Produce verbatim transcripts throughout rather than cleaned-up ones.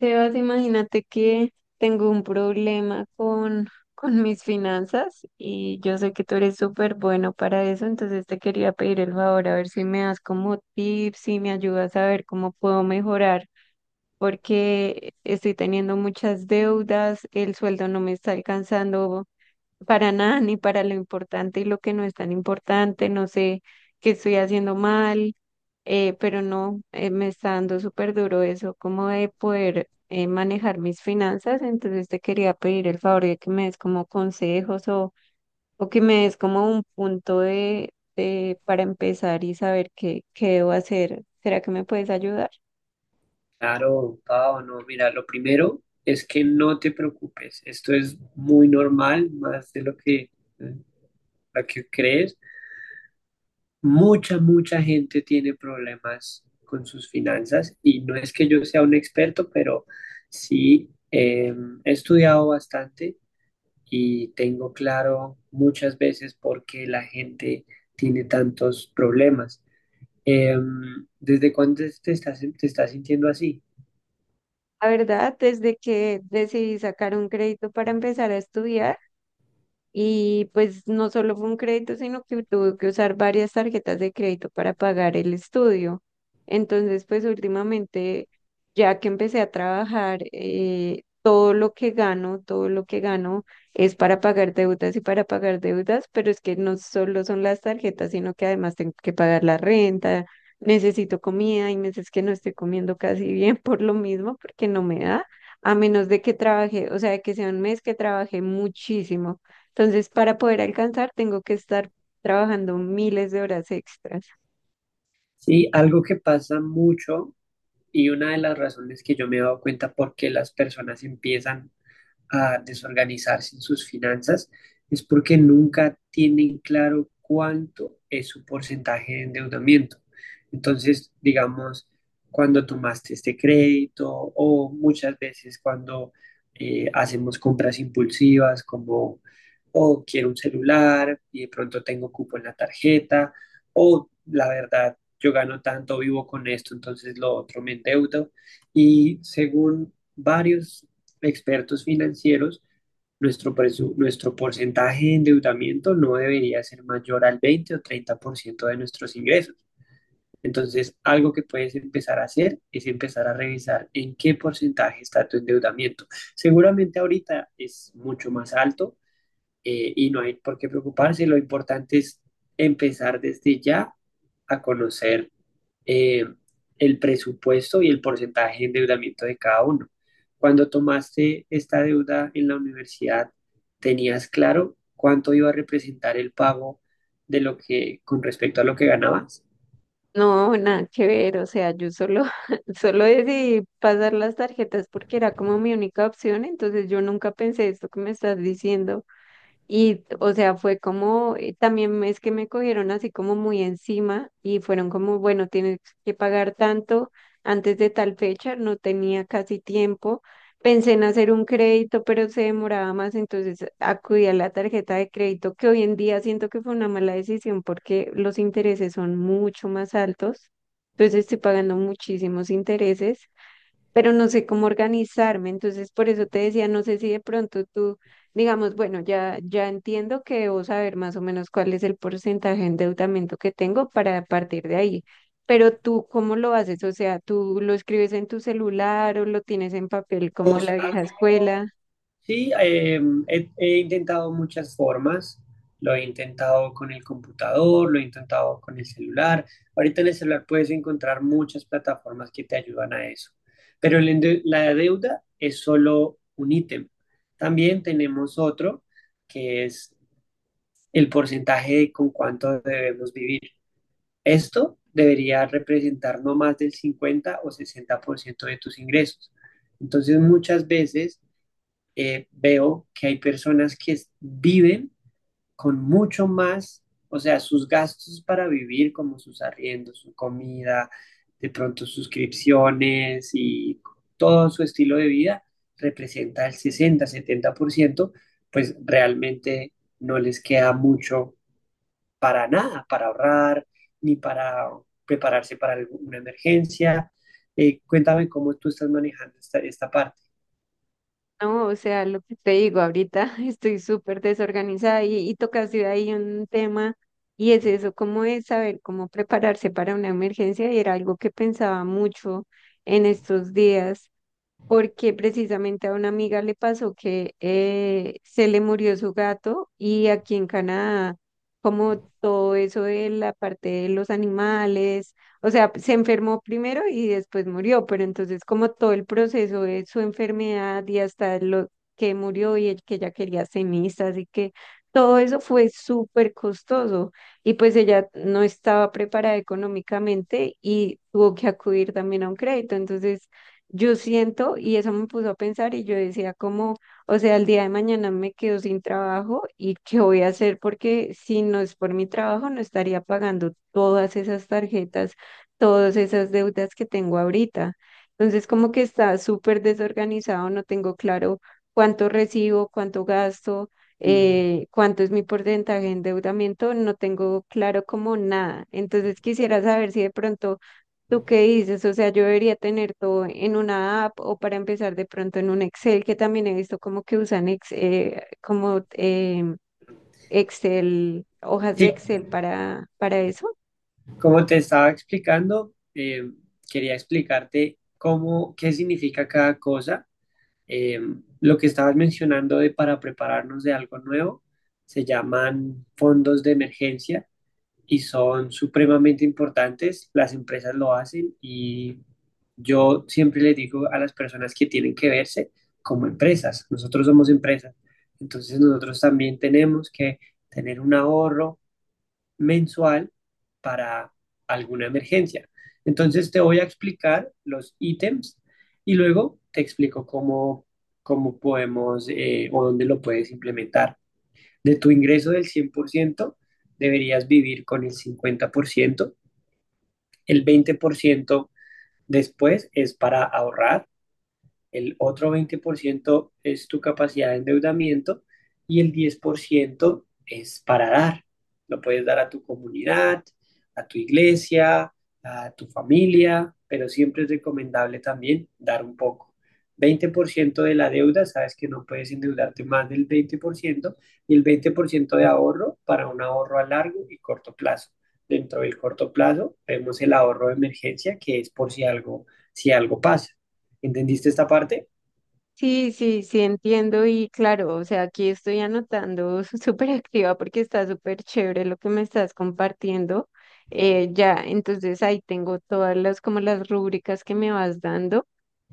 Sebas, imagínate que tengo un problema con, con mis finanzas, y yo sé que tú eres súper bueno para eso. Entonces te quería pedir el favor a ver si me das como tips, si me ayudas a ver cómo puedo mejorar, porque estoy teniendo muchas deudas, el sueldo no me está alcanzando para nada, ni para lo importante y lo que no es tan importante. No sé qué estoy haciendo mal, eh, pero no, eh, me está dando súper duro eso, como de poder eh, manejar mis finanzas. Entonces te quería pedir el favor de que me des como consejos, o, o que me des como un punto de, de- para empezar y saber qué, qué debo hacer. ¿Será que me puedes ayudar? Claro, Pau, no, mira, lo primero es que no te preocupes, esto es muy normal, más de lo que, lo que crees. Mucha, mucha gente tiene problemas con sus finanzas y no es que yo sea un experto, pero sí, eh, he estudiado bastante y tengo claro muchas veces por qué la gente tiene tantos problemas. Em, ¿desde cuándo te estás, te estás sintiendo así? La verdad, desde que decidí sacar un crédito para empezar a estudiar. Y pues no solo fue un crédito, sino que tuve que usar varias tarjetas de crédito para pagar el estudio. Entonces, pues últimamente, ya que empecé a trabajar, eh, todo lo que gano, todo lo que gano es para pagar deudas y para pagar deudas. Pero es que no solo son las tarjetas, sino que además tengo que pagar la renta, necesito comida, hay meses que no estoy comiendo casi bien por lo mismo, porque no me da, a menos de que trabaje, o sea, que sea un mes que trabajé muchísimo. Entonces, para poder alcanzar, tengo que estar trabajando miles de horas extras. Sí, algo que pasa mucho. Y una de las razones que yo me he dado cuenta por qué las personas empiezan a desorganizarse en sus finanzas es porque nunca tienen claro cuánto es su porcentaje de endeudamiento. Entonces, digamos, cuando tomaste este crédito o muchas veces cuando eh, hacemos compras impulsivas como, oh, quiero un celular y de pronto tengo cupo en la tarjeta, o la verdad, yo gano tanto, vivo con esto, entonces lo otro me endeudo. Y según varios expertos financieros, nuestro, presu- nuestro porcentaje de endeudamiento no debería ser mayor al veinte o treinta por ciento de nuestros ingresos. Entonces, algo que puedes empezar a hacer es empezar a revisar en qué porcentaje está tu endeudamiento. Seguramente ahorita es mucho más alto, eh, y no hay por qué preocuparse. Lo importante es empezar desde ya a conocer eh, el presupuesto y el porcentaje de endeudamiento de cada uno. Cuando tomaste esta deuda en la universidad, ¿tenías claro cuánto iba a representar el pago de lo que con respecto a lo que ganabas? No, nada que ver. O sea, yo solo, solo decidí pasar las tarjetas porque era como mi única opción, entonces yo nunca pensé esto que me estás diciendo. Y, o sea, fue como, eh, también es que me cogieron así como muy encima y fueron como, bueno, tienes que pagar tanto antes de tal fecha, no tenía casi tiempo. Pensé en hacer un crédito, pero se demoraba más, entonces acudí a la tarjeta de crédito, que hoy en día siento que fue una mala decisión porque los intereses son mucho más altos. Entonces estoy pagando muchísimos intereses, pero no sé cómo organizarme. Entonces, por eso te decía, no sé si de pronto tú, digamos, bueno, ya, ya entiendo que debo saber más o menos cuál es el porcentaje de endeudamiento que tengo para partir de ahí. Pero tú, ¿cómo lo haces? O sea, ¿tú lo escribes en tu celular o lo tienes en papel como a Todos. la vieja escuela? Sí, eh, he, he intentado muchas formas. Lo he intentado con el computador, lo he intentado con el celular. Ahorita en el celular puedes encontrar muchas plataformas que te ayudan a eso. Pero el ende- la deuda es solo un ítem. También tenemos otro que es el porcentaje de con cuánto debemos vivir. Esto debería representar no más del cincuenta o sesenta por ciento de tus ingresos. Entonces, muchas veces eh, veo que hay personas que viven con mucho más, o sea, sus gastos para vivir, como sus arriendos, su comida, de pronto suscripciones y todo su estilo de vida representa el sesenta, setenta por ciento, pues realmente no les queda mucho para nada, para ahorrar, ni para prepararse para alguna emergencia. Eh, cuéntame cómo tú estás manejando esta, esta parte. No, o sea, lo que te digo, ahorita estoy súper desorganizada, y, y tocaste ahí un tema, y es eso, cómo es saber cómo prepararse para una emergencia, y era algo que pensaba mucho en estos días porque precisamente a una amiga le pasó que eh, se le murió su gato. Y aquí en Canadá, como todo eso de la parte de los animales, o sea, se enfermó primero y después murió, pero entonces como todo el proceso de su enfermedad y hasta lo que murió y el que ella quería cenizas y que todo eso fue súper costoso, y pues ella no estaba preparada económicamente y tuvo que acudir también a un crédito. Entonces yo siento, y eso me puso a pensar, y yo decía como, o sea, el día de mañana me quedo sin trabajo, y qué voy a hacer, porque si no es por mi trabajo no estaría pagando todas esas tarjetas, todas esas deudas que tengo ahorita. Entonces como que está súper desorganizado, no tengo claro cuánto recibo, cuánto gasto, Mm. eh, cuánto es mi porcentaje de endeudamiento, no tengo claro como nada. Entonces quisiera saber si de pronto, ¿tú qué dices? O sea, yo debería tener todo en una app, o para empezar de pronto en un Excel, que también he visto como que usan ex- eh, como em, Excel, hojas de Sí, Excel para, para eso. como te estaba explicando, eh, quería explicarte cómo, qué significa cada cosa. Eh, lo que estabas mencionando de para prepararnos de algo nuevo se llaman fondos de emergencia y son supremamente importantes. Las empresas lo hacen y yo siempre les digo a las personas que tienen que verse como empresas. Nosotros somos empresas, entonces nosotros también tenemos que tener un ahorro mensual para alguna emergencia. Entonces te voy a explicar los ítems y luego te explico cómo, cómo podemos, eh, o dónde lo puedes implementar. De tu ingreso del cien por ciento deberías vivir con el cincuenta por ciento. El veinte por ciento después es para ahorrar, el otro veinte por ciento es tu capacidad de endeudamiento y el diez por ciento es para dar. Lo puedes dar a tu comunidad, a tu iglesia, a tu familia, pero siempre es recomendable también dar un poco. Veinte por ciento de la deuda, sabes que no puedes endeudarte más del veinte por ciento y el veinte por ciento de ahorro para un ahorro a largo y corto plazo. Dentro del corto plazo vemos el ahorro de emergencia, que es por si algo, si algo pasa. ¿Entendiste esta parte? Sí, sí, sí, entiendo, y claro, o sea, aquí estoy anotando súper activa porque está súper chévere lo que me estás compartiendo. Eh, ya, entonces ahí tengo todas las como las rúbricas que me vas dando.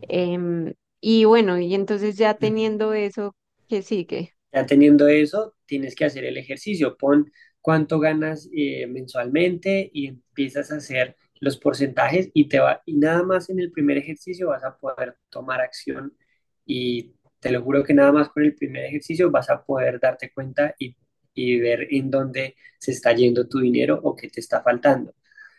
em, y bueno, y entonces ya teniendo eso, ¿qué sigue? Ya teniendo eso, tienes que hacer el ejercicio. Pon cuánto ganas eh, mensualmente y empiezas a hacer los porcentajes y te va, y nada más en el primer ejercicio vas a poder tomar acción, y te lo juro que nada más con el primer ejercicio vas a poder darte cuenta y, y ver en dónde se está yendo tu dinero o qué te está faltando.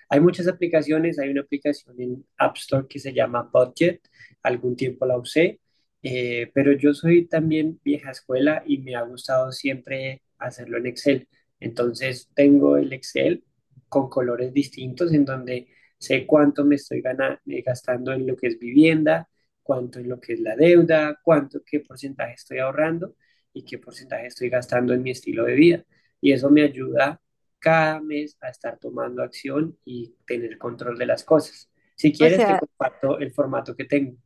Hay muchas aplicaciones, hay una aplicación en App Store que se llama Budget, algún tiempo la usé, eh, pero yo soy también vieja escuela y me ha gustado siempre hacerlo en Excel. Entonces tengo el Excel con colores distintos en donde sé cuánto me estoy gana- eh, gastando en lo que es vivienda, cuánto en lo que es la deuda, cuánto, qué porcentaje estoy ahorrando y qué porcentaje estoy gastando en mi estilo de vida. Y eso me ayuda cada mes a estar tomando acción y tener control de las cosas. Si O quieres, te sea, comparto el formato que tengo.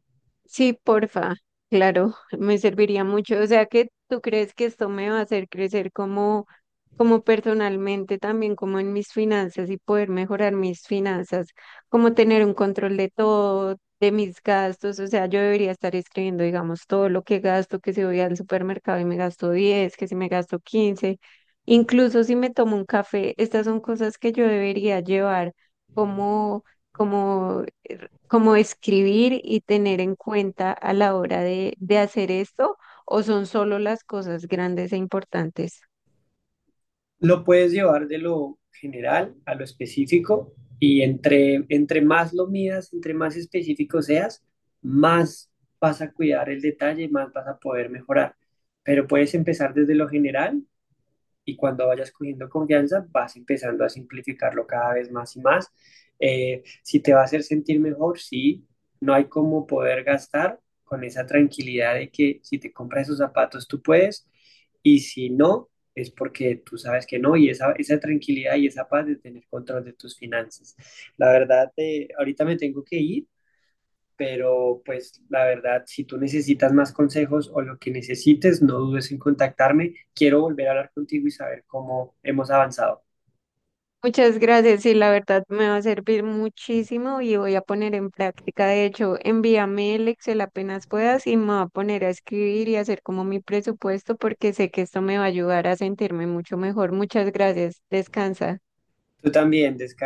sí, porfa, claro, me serviría mucho. O sea, que ¿tú crees que esto me va a hacer crecer como, como personalmente, también como en mis finanzas, y poder mejorar mis finanzas, como tener un control de todo, de mis gastos? O sea, yo debería estar escribiendo, digamos, todo lo que gasto, que si voy al supermercado y me gasto diez, que si me gasto quince, incluso si me tomo un café. ¿Estas son cosas que yo debería llevar como... como como escribir y tener en cuenta a la hora de, de hacer esto, o son solo las cosas grandes e importantes? Lo puedes llevar de lo general a lo específico y entre, entre más lo midas, entre más específico seas, más vas a cuidar el detalle, más vas a poder mejorar. Pero puedes empezar desde lo general y cuando vayas cogiendo confianza vas empezando a simplificarlo cada vez más y más. Eh, si te va a hacer sentir mejor, sí, no hay cómo poder gastar con esa tranquilidad de que si te compras esos zapatos tú puedes y si no, es porque tú sabes que no, y esa, esa tranquilidad y esa paz de tener control de tus finanzas. La verdad, eh, ahorita me tengo que ir, pero pues la verdad, si tú necesitas más consejos o lo que necesites, no dudes en contactarme. Quiero volver a hablar contigo y saber cómo hemos avanzado. Muchas gracias, y la verdad me va a servir muchísimo y voy a poner en práctica. De hecho, envíame el Excel apenas puedas y me voy a poner a escribir y hacer como mi presupuesto, porque sé que esto me va a ayudar a sentirme mucho mejor. Muchas gracias. Descansa. Tú también, descansa.